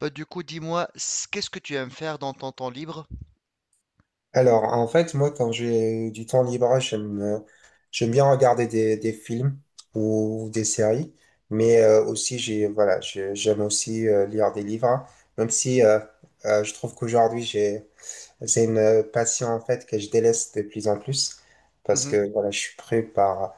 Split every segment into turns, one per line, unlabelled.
Bah, du coup, dis-moi, qu'est-ce que tu aimes faire dans ton temps libre?
Alors, en fait, moi, quand j'ai du temps libre, j'aime bien regarder des films ou des séries, mais aussi, voilà, j'aime aussi lire des livres, même si je trouve qu'aujourd'hui, c'est une passion en fait que je délaisse de plus en plus parce
Mhm,
que voilà, je suis pris par,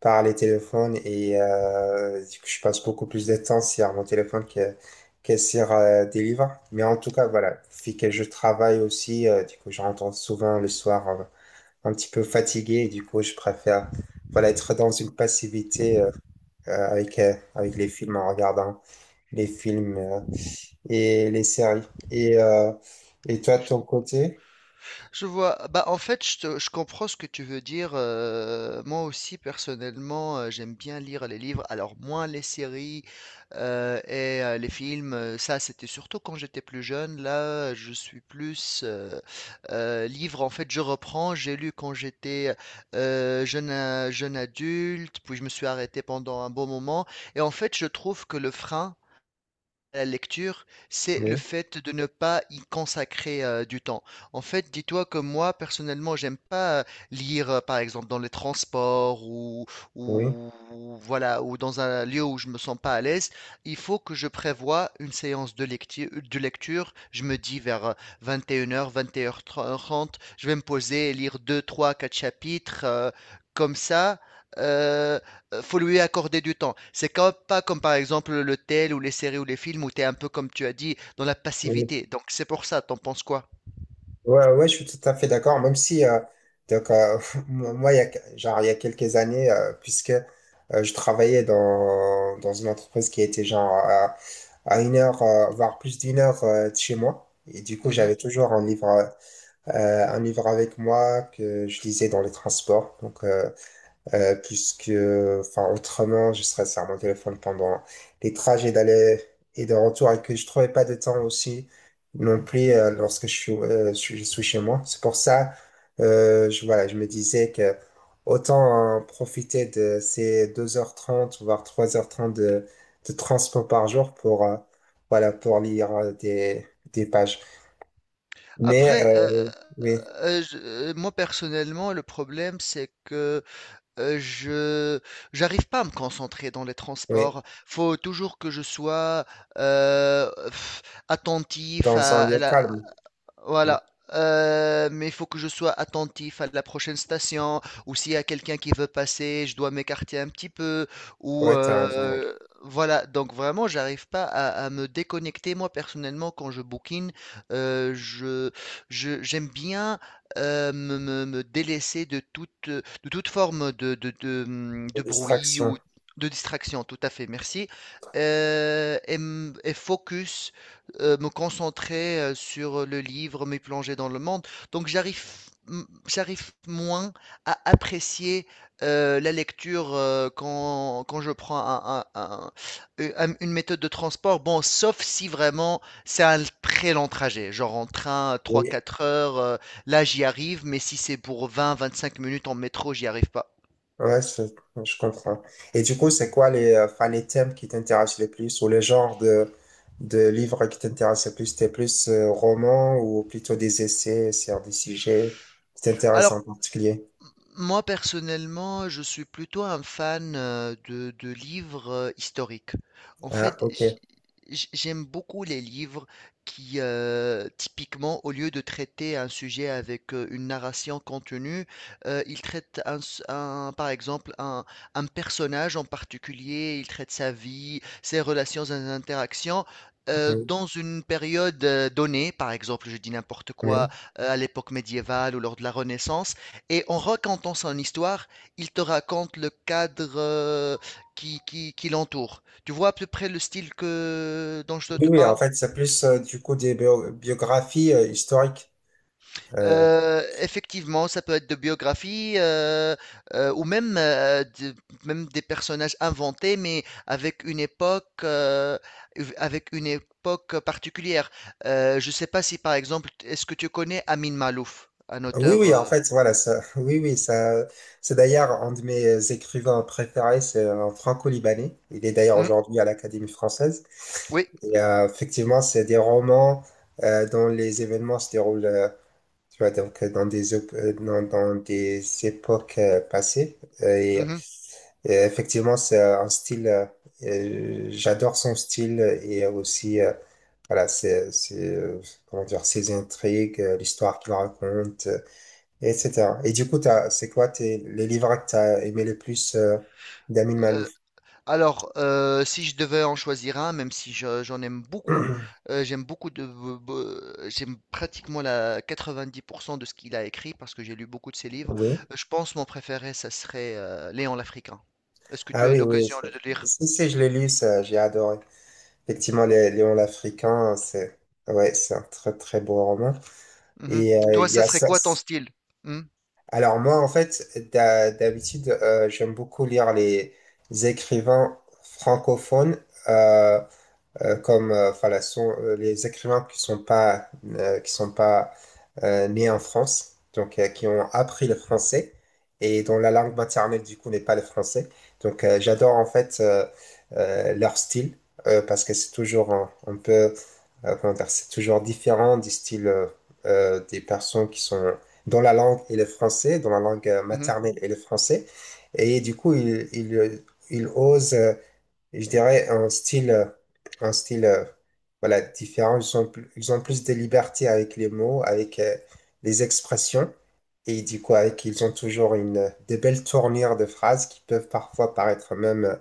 par les téléphones et du coup, je passe beaucoup plus de temps sur mon téléphone que sur des livres. Mais en tout cas, voilà, vu que je travaille aussi, du coup, je rentre souvent le soir un, petit peu fatigué et du coup, je préfère voilà, être dans une passivité avec les films en regardant les films et les séries. Et, euh, et toi, de
je
ton côté?
Je vois. Bah, en fait, je comprends ce que tu veux dire. Moi aussi, personnellement, j'aime bien lire les livres. Alors, moins les séries et les films. Ça, c'était surtout quand j'étais plus jeune. Là, je suis plus livre. En fait, je reprends. J'ai lu quand j'étais jeune, jeune adulte, puis je me suis arrêté pendant un bon moment. Et en fait, je trouve que le frein la lecture, c'est le
oui
fait de ne pas y consacrer du temps. En fait, dis-toi que moi, personnellement, j'aime pas lire, par exemple, dans les transports
Oui,
ou voilà, ou dans un lieu où je me sens pas à l'aise. Il faut que je prévoie une séance de lecture. Je me dis vers 21h, heures 21h30. Je vais me poser et lire 2, 3, 4 chapitres, comme ça. euh, faut lui accorder du temps. C'est comme, pas comme par exemple le tel ou les séries ou les films où tu es un peu comme tu as dit dans la
oui.
passivité. Donc c'est pour ça, t'en penses quoi?
Ouais, ouais, je suis tout à fait d'accord, même si, donc, moi, il y a, que- genre, il y a quelques années, puisque je travaillais dans une entreprise qui était genre à une heure, voire plus d'une heure de chez moi, et du coup,
Mhm.
j'avais toujours un livre avec moi que je lisais dans les transports, donc, Puisque, enfin, autrement, je serais sur mon téléphone pendant les trajets d'aller et de retour et que je trouvais pas de temps aussi non plus lorsque je suis chez moi. C'est pour ça, voilà, je me disais que autant profiter de ces 2h30 voire 3h30 de transport par jour voilà, pour lire des pages. Mais,
Après, euh,
oui,
moi personnellement, le problème c'est que je j'arrive pas à me concentrer dans les
oui,
transports. Faut toujours que je sois euh, pff, attentif
dans un
à
lieu
la.
calme. Oui,
Voilà. Mais il faut que je sois attentif à la prochaine station, ou s'il y a quelqu'un qui veut passer, je dois m'écarter un petit peu, ou
ouais, t'as raison.
voilà. Donc vraiment, j'arrive pas à me déconnecter. Moi, personnellement, quand je bookine, euh, je, j'aime bien me délaisser de toute forme de, de, de, hum,
Des
de bruit ou
distractions.
de distraction. Tout à fait, merci. Et focus me concentrer sur le livre, me plonger dans le monde. Donc j'arrive moins à apprécier la lecture quand je prends une méthode de transport. Bon, sauf si vraiment c'est un très long trajet, genre en train trois
Oui.
quatre heures, là j'y arrive, mais si c'est pour vingt vingt-cinq minutes en métro, j'y arrive pas.
Ouais, je comprends. Et du coup, c'est quoi enfin, les thèmes qui t'intéressent le plus ou le genre de livres qui t'intéressent le plus? T'es plus roman ou plutôt des essais sur des sujets qui t'intéressent
Alors,
en particulier?
moi, personnellement, je suis plutôt un fan de livres historiques. En
Ah,
fait,
ok.
j'aime beaucoup les livres qui, typiquement, au lieu de traiter un sujet avec une narration contenue, ils traitent un, s- un- par exemple un personnage en particulier, ils traitent sa vie, ses relations, ses interactions. euh,
Oui,
dans une période donnée, par exemple, je dis n'importe quoi,
oui.
à l'époque médiévale ou lors de la Renaissance, et en racontant son histoire, il te raconte le cadre qui l'entoure. Tu vois à peu près le style que, dont je
Oui,
te
oui, en
parle?
fait, c'est plus du coup des biographies historiques. Euh,
Effectivement, ça peut être de biographie ou même, même des personnages inventés, mais avec une époque particulière. Je ne sais pas si, par exemple, est-ce que tu connais Amin Malouf, un
Oui,
auteur?
oui, en fait, voilà, ça, oui, oui, ça, c'est d'ailleurs un de mes écrivains préférés, c'est un franco-libanais. Il est d'ailleurs
Hmm,
aujourd'hui à l'Académie française.
oui.
Et effectivement, c'est des romans dont les événements se déroulent, tu vois, donc dans des époques passées. Euh, Et,
Mhm.
et effectivement, j'adore son style et aussi, voilà, comment dire, ses intrigues, l'histoire qu'il raconte etc. Et du coup, c'est quoi les livres que t'as aimé le plus d'Amin
Euh,
Malouf?
Alors, si je devais en choisir un, même si j'en aime beaucoup, j'aime beaucoup de, be- be- j'aime pratiquement la 90% de ce qu'il a écrit parce que j'ai lu beaucoup de ses livres.
Oui.
Je pense mon préféré, ça serait Léon l'Africain. Est-ce que tu
Ah
as eu
oui, oui.
l'occasion de le lire?
Si, si, je l'ai lu, ça, j'ai adoré. Effectivement, les Léon l'Africain, c'est ouais, c'est un très très beau roman.
Mhm.
Et
Toi,
il y
ça
a
serait
ça.
quoi ton style? Mhm,
Alors moi, en fait, d'habitude, j'aime beaucoup lire les écrivains francophones. euh, Comme enfin, les écrivains qui sont pas nés en France, donc qui ont appris le français et dont la langue maternelle du coup n'est pas le français. Donc j'adore en fait leur style parce que c'est toujours un peu comment dire, c'est toujours différent du style des personnes qui sont dont la langue est le français, dont la langue
mhm.
maternelle est le français. Et du coup, ils osent je dirais, un style voilà, différent. Ils ont plus de liberté avec les mots, avec les expressions. Et du coup, ils ont toujours des belles tournures de phrases qui peuvent parfois paraître même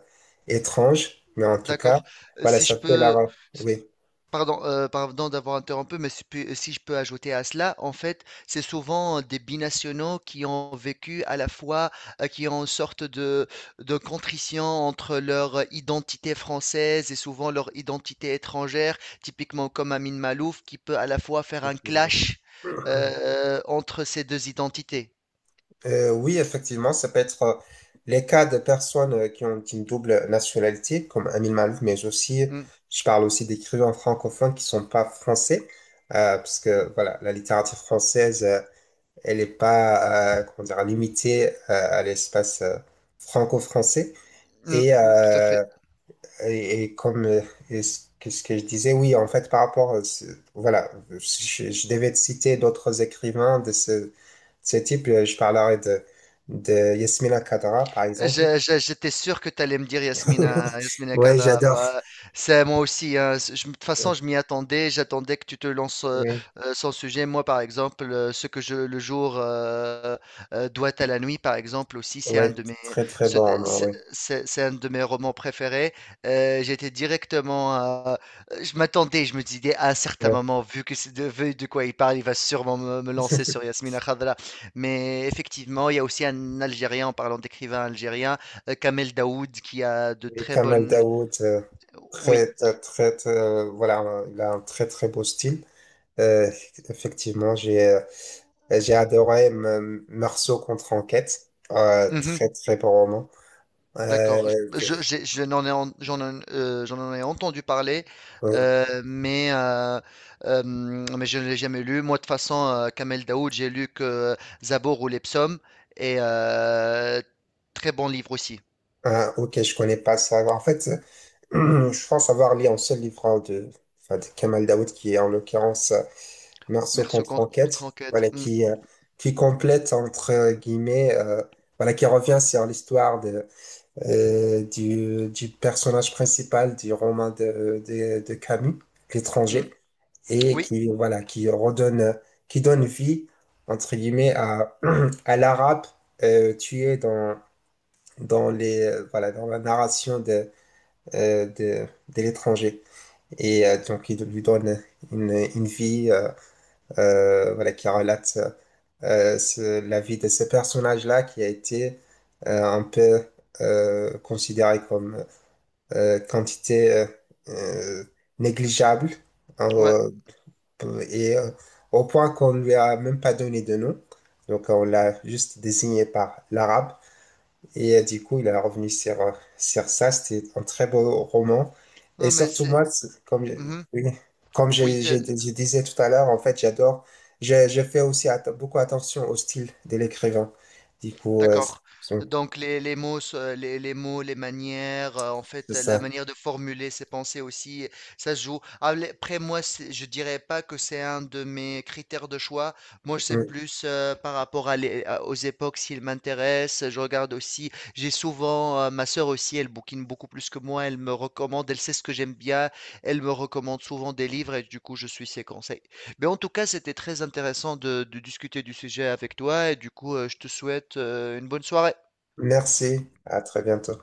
étranges. Mais en tout cas,
D'accord.
voilà,
Si je
ça fait
peux,
leur. Oui.
pardon d'avoir interrompu, mais si je peux ajouter à cela, en fait, c'est souvent des binationaux qui ont vécu à la fois, qui ont une sorte de contrition entre leur identité française et souvent leur identité étrangère, typiquement comme Amin Malouf, qui peut à la fois faire un clash entre ces deux identités.
Oui, effectivement, ça peut être les cas de personnes qui ont une double nationalité, comme Amin Malouf, mais aussi,
Mm,
je parle aussi d'écrivains francophones qui sont pas français, parce que voilà, la littérature française, elle est pas, comment dire, limitée à l'espace franco-français.
mm, tout à fait.
Mm. Et comme et ce que je disais, oui, en fait, par rapport, voilà, je devais te citer d'autres écrivains de ce type. Je parlerai de Yasmina Khadra, par exemple.
J'étais sûr que tu allais me dire Yasmina, Yasmina
Ouais,
Kadra.
j'adore.
Ouais. C'est moi aussi. Hein, de toute façon, je m'y attendais. J'attendais que tu te lances
Ouais,
sans sujet. Moi, par exemple, ce que je le jour doit à la nuit, par exemple, aussi, c'est un
ouais,
de mes.
très très
ce-
bon, roman,
c'est
ouais.
c'est- c'est un de mes romans préférés. J'étais directement. Je m'attendais. Je me disais à un certain
Ouais.
moment, vu que c'est de, vu de quoi il parle, il va sûrement me lancer sur Yasmina Khadra. Mais effectivement, il y a aussi un Algérien, en parlant d'écrivain algérien, Kamel Daoud, qui a de
Et
très
Kamal
bonnes.
Daoud,
Oui,
très, très, très, voilà, il a un très très beau style. Euh, Effectivement, j'ai adoré Meursault contre Enquête.
mhm,
Très très bon roman. Euh,
d'accord. Je n'en ai, en- J'en en ai entendu parler,
euh,
euh, mais, euh, mais je ne l'ai jamais lu. Moi, de toute façon, Kamel Daoud, j'ai lu que Zabor ou les psaumes, et très bon livre aussi.
ah, ok, je connais pas ça. En fait, je pense avoir lu un seul livre hein, enfin, de Kamal Daoud qui est en l'occurrence Meursault
Merci
contre
contre
Enquête.
enquête.
Voilà
Mm,
qui complète entre guillemets. Voilà, qui revient sur l'histoire du personnage principal du roman de Camus,
mm.
L'étranger. Et
Oui,
qui, voilà, qui donne vie, entre guillemets, à, à l'arabe tué voilà, dans la narration de l'étranger. Et donc, il lui donne une vie voilà, qui relate la vie de ce personnage-là qui a été un peu considéré comme quantité euh, négligeable
ouais.
euh, et au point qu'on ne lui a même pas donné de nom. Donc on l'a juste désigné par l'arabe. Et du coup, il est revenu sur ça. C'était un très beau roman. Et
Non, mais
surtout, moi,
c'est.
comme,
Mhm.
oui, comme je,
Oui,
je- je disais tout à l'heure, en fait, j'adore. Je fais aussi beaucoup attention au style de l'écrivain. Du coup,
d'accord.
c'est
Donc les mots, les mots, les manières, en
c'est
fait, la
ça.
manière de formuler ses pensées aussi, ça se joue. Ah, après, moi, je dirais pas que c'est un de mes critères de choix. Moi, je sais
Mm.
plus par rapport aux époques, s'ils m'intéressent. Je regarde aussi. J'ai souvent, ma sœur aussi, elle bouquine beaucoup plus que moi. Elle me recommande, elle sait ce que j'aime bien. Elle me recommande souvent des livres et du coup, je suis ses conseils. Mais en tout cas, c'était très intéressant de discuter du sujet avec toi et du coup, je te souhaite une bonne soirée.
Merci. À très bientôt.